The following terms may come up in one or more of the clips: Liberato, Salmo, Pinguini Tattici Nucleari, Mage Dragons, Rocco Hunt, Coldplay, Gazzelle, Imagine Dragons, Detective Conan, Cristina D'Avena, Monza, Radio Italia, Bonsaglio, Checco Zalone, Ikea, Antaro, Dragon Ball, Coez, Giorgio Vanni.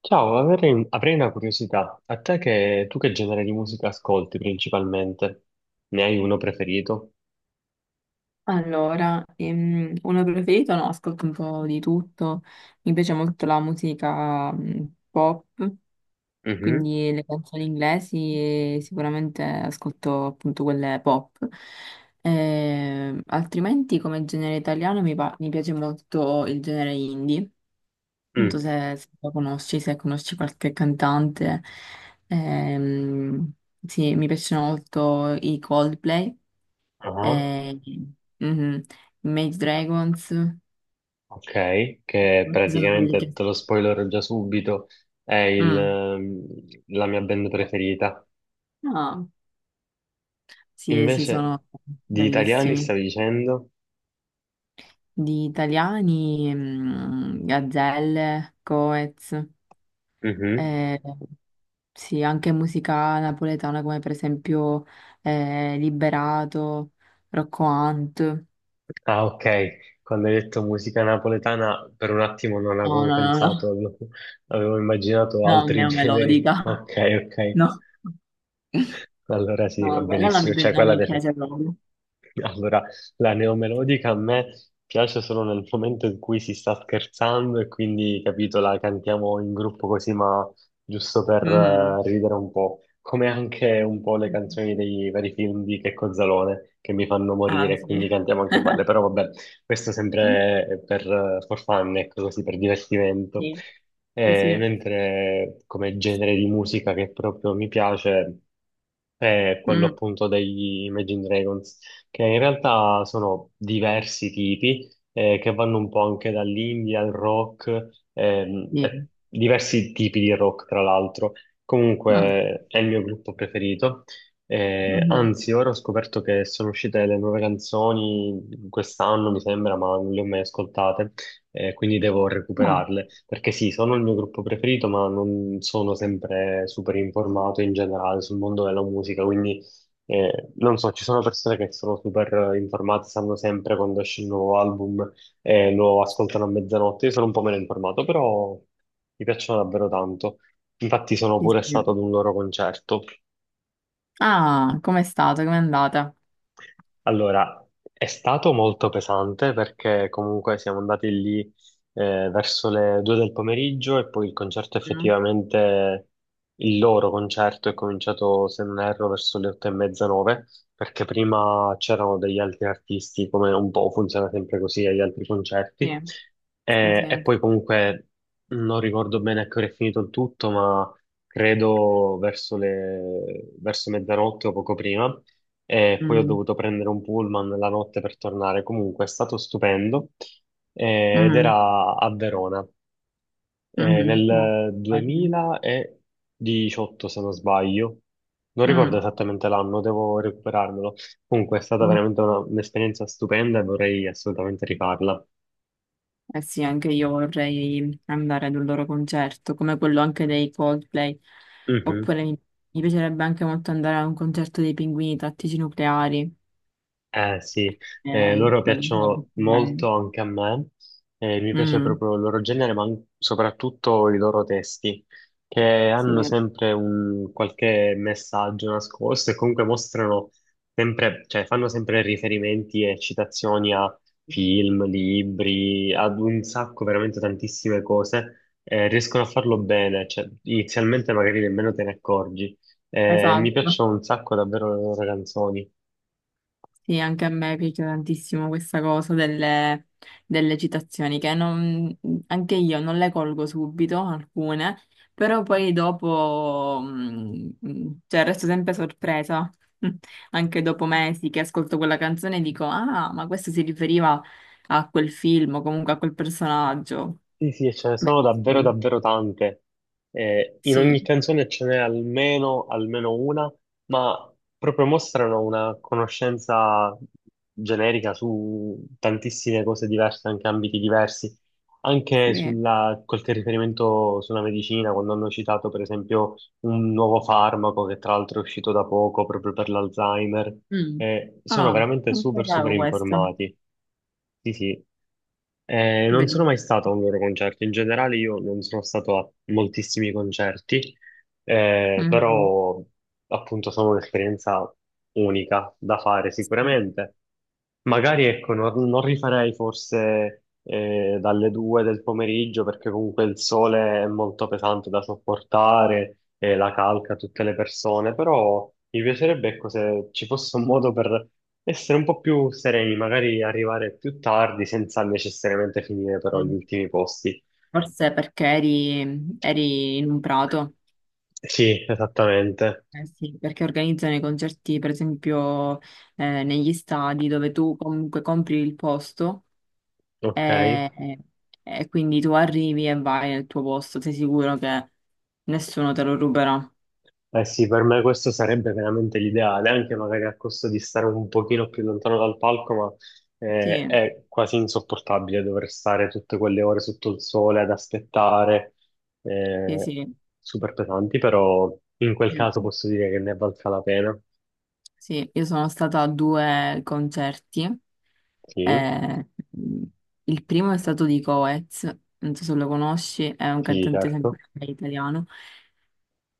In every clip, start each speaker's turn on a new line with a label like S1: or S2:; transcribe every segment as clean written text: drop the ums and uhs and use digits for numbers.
S1: Ciao, avrei una curiosità. Tu che genere di musica ascolti principalmente? Ne hai uno preferito?
S2: Allora, uno preferito? No, ascolto un po' di tutto. Mi piace molto la musica pop,
S1: Mhm.
S2: quindi le canzoni inglesi e sicuramente ascolto appunto quelle pop. Altrimenti come genere italiano mi piace molto il genere indie. Non so
S1: Mm.
S2: se lo conosci, se conosci qualche cantante. Ehm, sì, mi piacciono molto i Coldplay.
S1: Ah,
S2: Eh, mhm. Mage Dragons,
S1: ok, che
S2: ci sono quelli
S1: praticamente
S2: che...
S1: te lo spoilerò già subito, è
S2: Mm.
S1: la mia band preferita.
S2: No, sì,
S1: Invece,
S2: sono
S1: di italiani
S2: bravissimi.
S1: stavi dicendo?
S2: Di italiani, Gazzelle, Coez,
S1: Mhm.
S2: eh, sì, anche musica napoletana come per esempio Liberato, Rocco Hunt.
S1: Ah, ok. Quando hai detto musica napoletana, per un attimo non
S2: No,
S1: avevo
S2: no, no, no,
S1: pensato, avevo immaginato
S2: no,
S1: altri generi.
S2: neomelodica,
S1: Ok, ok.
S2: no,
S1: Allora sì, va
S2: no, quella
S1: benissimo. Cioè,
S2: non mi piace proprio.
S1: allora, la neomelodica a me piace solo nel momento in cui si sta scherzando e quindi, capito, la cantiamo in gruppo così, ma giusto per
S2: Mm.
S1: ridere un po'. Come anche un po' le canzoni dei vari film di Checco Zalone, che mi fanno
S2: Ah,
S1: morire, quindi
S2: sì.
S1: cantiamo anche quelle. Però vabbè, questo sempre è per for fun, ecco, così per divertimento.
S2: Sì, sì,
S1: Eh,
S2: sì.
S1: mentre come genere di musica che proprio mi piace è quello
S2: Mm,
S1: appunto degli Imagine Dragons, che in realtà sono diversi tipi, che vanno un po' anche dall'indie al rock, e
S2: sì.
S1: diversi tipi di rock, tra l'altro.
S2: Mm,
S1: Comunque è il mio gruppo preferito. Eh,
S2: mhm.
S1: anzi, ora ho scoperto che sono uscite le nuove canzoni quest'anno, mi sembra, ma non le ho mai ascoltate, quindi devo
S2: Ah,
S1: recuperarle. Perché sì, sono il mio gruppo preferito, ma non sono sempre super informato in generale sul mondo della musica, quindi non so, ci sono persone che sono super informate, sanno sempre quando esce il nuovo album e lo ascoltano a mezzanotte. Io sono un po' meno informato, però mi piacciono davvero tanto. Infatti sono
S2: sì,
S1: pure stato
S2: sì.
S1: ad un loro concerto.
S2: Ah, com'è stata? Com'è andata?
S1: Allora, è stato molto pesante perché comunque siamo andati lì verso le 2 del pomeriggio, e poi
S2: Mm,
S1: il loro concerto è cominciato, se non erro, verso le 8:30, 9, perché prima c'erano degli altri artisti, come un po' funziona sempre così agli altri
S2: sì,
S1: concerti.
S2: sì,
S1: E
S2: sì.
S1: poi comunque non ricordo bene a che ora è finito il tutto, ma credo verso mezzanotte o poco prima, e poi ho
S2: Mm,
S1: dovuto prendere un pullman la notte per tornare. Comunque è stato stupendo, ed
S2: mm,
S1: era a Verona
S2: molto
S1: nel
S2: bello.
S1: 2018, se non sbaglio. Non ricordo
S2: Mm,
S1: esattamente l'anno, devo recuperarmelo. Comunque è stata
S2: mm.
S1: veramente un'esperienza stupenda e vorrei assolutamente rifarla.
S2: Eh sì, anche io vorrei andare ad un loro concerto, come quello anche dei Coldplay.
S1: Mhm.
S2: Oppure mi piacerebbe anche molto andare a un concerto dei Pinguini Tattici Nucleari.
S1: Eh sì, loro
S2: Quello sarebbe
S1: piacciono
S2: bello.
S1: molto anche a me, mi piace
S2: Mm,
S1: proprio il loro genere, ma soprattutto i loro testi, che
S2: sì.
S1: hanno sempre un qualche messaggio nascosto e comunque mostrano sempre, cioè fanno sempre riferimenti e citazioni a film, libri, ad un sacco, veramente tantissime cose, riescono a farlo bene, cioè inizialmente magari nemmeno te ne accorgi. Mi
S2: Esatto.
S1: piacciono un sacco davvero le loro canzoni.
S2: Sì, anche a me piace tantissimo questa cosa delle citazioni, che non- anche io non le colgo subito, alcune, però poi dopo, cioè resto sempre sorpresa, anche dopo mesi che ascolto quella canzone e dico, ah, ma questo si riferiva a quel film o comunque a quel personaggio.
S1: Sì, sì, e ce ne sono davvero,
S2: Bellissimo.
S1: davvero tante. In
S2: Sì,
S1: ogni canzone ce n'è almeno, almeno una, ma proprio mostrano una conoscenza generica su tantissime cose diverse, anche ambiti diversi. Anche
S2: sì.
S1: sulla, qualche riferimento sulla medicina, quando hanno citato, per esempio, un nuovo farmaco che tra l'altro è uscito da poco proprio per l'Alzheimer.
S2: Mm.
S1: Sono
S2: Ah,
S1: veramente
S2: non
S1: super, super
S2: sapevo questo.
S1: informati. Sì, sì. Non sono
S2: Bellissimo.
S1: mai stato a un loro concerto. In generale, io non sono stato a moltissimi concerti,
S2: Mm.
S1: però appunto sono un'esperienza unica da fare
S2: Sì.
S1: sicuramente. Magari ecco, non rifarei forse dalle 2 del pomeriggio, perché comunque il sole è molto pesante da sopportare e la calca tutte le persone, però mi piacerebbe ecco, se ci fosse un modo per essere un po' più sereni, magari arrivare più tardi senza necessariamente finire però gli
S2: Mm.
S1: ultimi posti.
S2: Forse perché eri in un prato,
S1: Sì, esattamente.
S2: eh sì, perché organizzano i concerti, per esempio, negli stadi dove tu comunque compri il posto
S1: Ok.
S2: e, e quindi tu arrivi e vai nel tuo posto, sei sicuro che nessuno te lo ruberà.
S1: Eh sì, per me questo sarebbe veramente l'ideale, anche magari a costo di stare un pochino più lontano dal palco, ma
S2: Sì,
S1: è quasi insopportabile dover stare tutte quelle ore sotto il sole ad aspettare,
S2: sì,
S1: eh,
S2: sì.
S1: super pesanti, però in quel
S2: Sì,
S1: caso posso dire che ne valga la pena.
S2: sì, io sono stata a due concerti.
S1: Sì,
S2: eh, il primo è stato di Coez, non so se lo conosci, è un
S1: sì,
S2: cantante sempre
S1: certo.
S2: italiano.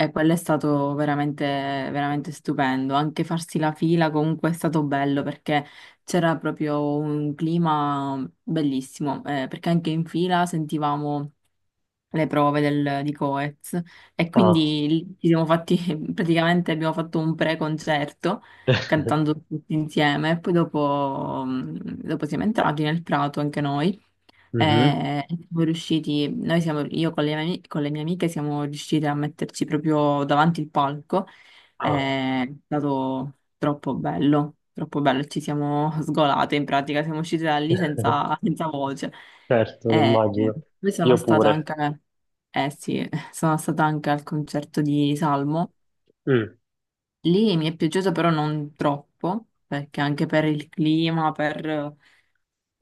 S2: E quello è stato veramente, veramente stupendo. Anche farsi la fila comunque è stato bello perché c'era proprio un clima bellissimo. Perché anche in fila sentivamo di Coez e
S1: Ah,
S2: quindi lì ci siamo fatti, praticamente abbiamo fatto un pre-concerto cantando tutti insieme. E poi dopo, dopo siamo entrati nel prato anche noi.
S1: mhm.
S2: E siamo riusciti, io con con le mie amiche siamo riuscite a metterci proprio davanti il palco.
S1: Ah.
S2: Eh, È stato troppo bello, troppo bello. Ci siamo sgolate in pratica, siamo uscite da lì senza, senza voce.
S1: Certo, lo
S2: E, eh,
S1: immagino.
S2: Poi sono
S1: Io
S2: stata
S1: pure.
S2: anche, eh sì, sono stata anche al concerto di Salmo.
S1: Mm.
S2: Lì mi è piaciuto però non troppo, perché anche per il clima, per...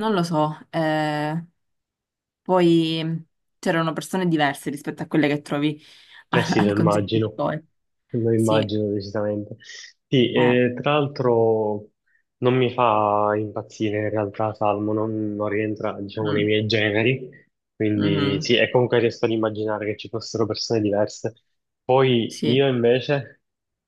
S2: non lo so, poi c'erano persone diverse rispetto a quelle che trovi
S1: Eh sì,
S2: al concerto di poi.
S1: lo
S2: Sì,
S1: immagino decisamente. Sì,
S2: eh.
S1: tra l'altro non mi fa impazzire in realtà Salmo, non rientra, diciamo, nei
S2: Mm.
S1: miei generi, quindi
S2: Mhm.
S1: sì, e comunque riesco ad immaginare che ci fossero persone diverse. Poi
S2: Sì.
S1: io invece,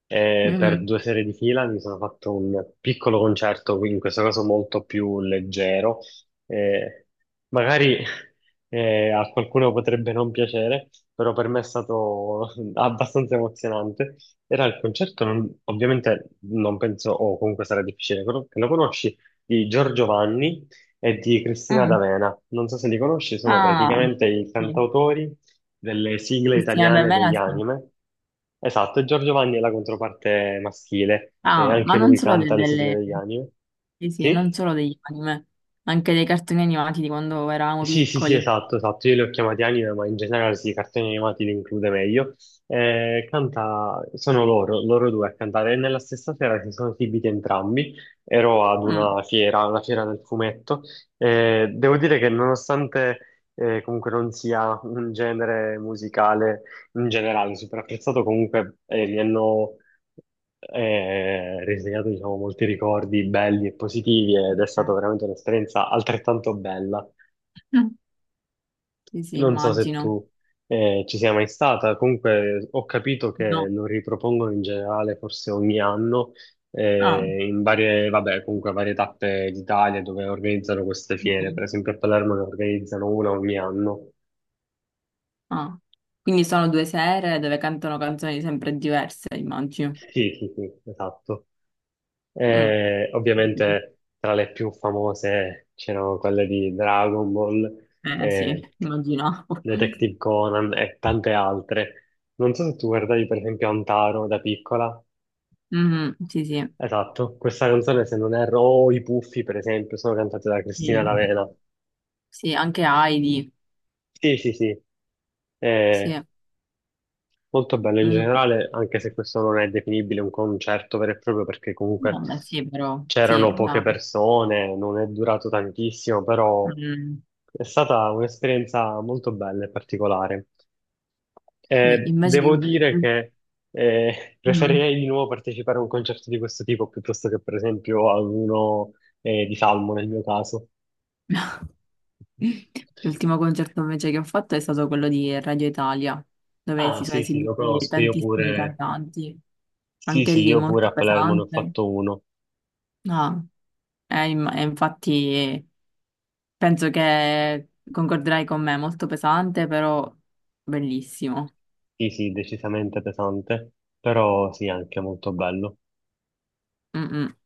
S1: per
S2: Mhm.
S1: due serie di fila, mi sono fatto un piccolo concerto, quindi in questo caso molto più leggero, eh, magari a qualcuno potrebbe non piacere, però per me è stato abbastanza emozionante. Era il concerto, ovviamente non penso, o comunque sarà difficile che lo conosci, di Giorgio Vanni e di Cristina
S2: Mm.
S1: D'Avena. Non so se li conosci, sono
S2: Ah,
S1: praticamente i
S2: sì.
S1: cantautori delle sigle
S2: Cristina
S1: italiane degli
S2: D'Avena, sì.
S1: anime. Esatto, e Giorgio Vanni è la controparte maschile, e
S2: Ah,
S1: anche
S2: ma non
S1: lui
S2: solo
S1: canta le sigle
S2: delle...
S1: degli anime.
S2: Sì, sì, non
S1: Sì?
S2: solo degli anime, anche dei cartoni animati di quando eravamo
S1: Sì, sì, sì,
S2: piccoli.
S1: esatto, esatto. Io li ho chiamati anime, ma in generale sì, i cartoni animati li include meglio. Sono loro, due a cantare. E nella stessa sera si sono esibiti entrambi. Ero ad
S2: Mm.
S1: una fiera del fumetto. Devo dire che nonostante comunque non sia un genere musicale in generale super apprezzato, comunque mi hanno risegnato, diciamo, molti ricordi belli e positivi, ed è stata veramente un'esperienza altrettanto bella.
S2: Mm. Sì, sì,
S1: Non so se
S2: immagino.
S1: tu ci sia mai stata, comunque ho capito che
S2: No.
S1: lo ripropongono in generale forse ogni anno
S2: Ah.
S1: in vabbè, comunque varie tappe d'Italia dove organizzano queste fiere, per
S2: Mhm.
S1: esempio a Palermo ne organizzano una ogni anno.
S2: Ah. Quindi sono due sere dove cantano canzoni sempre diverse, immagino.
S1: Sì, sì, sì, esatto.
S2: Mm.
S1: Ovviamente tra le più famose c'erano quelle di Dragon Ball,
S2: Eh sì,
S1: eh,
S2: immaginavo.
S1: Detective Conan e tante altre. Non so se tu guardavi per esempio Antaro da piccola.
S2: Mhm, sì, sì,
S1: Esatto, questa canzone, se non erro, o i Puffi per esempio, sono cantate da
S2: sì,
S1: Cristina D'Avena.
S2: sì, anche Heidi,
S1: Sì, sì, sì,
S2: sì.
S1: è molto bello in
S2: Mm,
S1: generale, anche se questo non è definibile un concerto vero e proprio, perché comunque
S2: no, beh, sì, però, sì,
S1: c'erano poche
S2: dai.
S1: persone, non è durato tantissimo, però
S2: Mm,
S1: è stata un'esperienza molto bella e particolare.
S2: sì,
S1: Devo
S2: invece,
S1: dire che
S2: mm,
S1: preferirei di nuovo partecipare a un concerto di questo tipo piuttosto che, per esempio, a uno di Salmo nel mio caso.
S2: l'ultimo concerto invece che ho fatto è stato quello di Radio Italia, dove
S1: Ah,
S2: si sono
S1: sì, sì, lo
S2: esibiti
S1: conosco, io
S2: tantissimi
S1: pure,
S2: cantanti,
S1: sì,
S2: anche
S1: sì,
S2: lì
S1: io pure
S2: molto
S1: a Palermo ne ho
S2: pesante.
S1: fatto uno,
S2: No, è infatti, penso che concorderai con me, molto pesante, però bellissimo.
S1: sì, sì, decisamente pesante, però sì, anche molto bello.
S2: Mm, mm.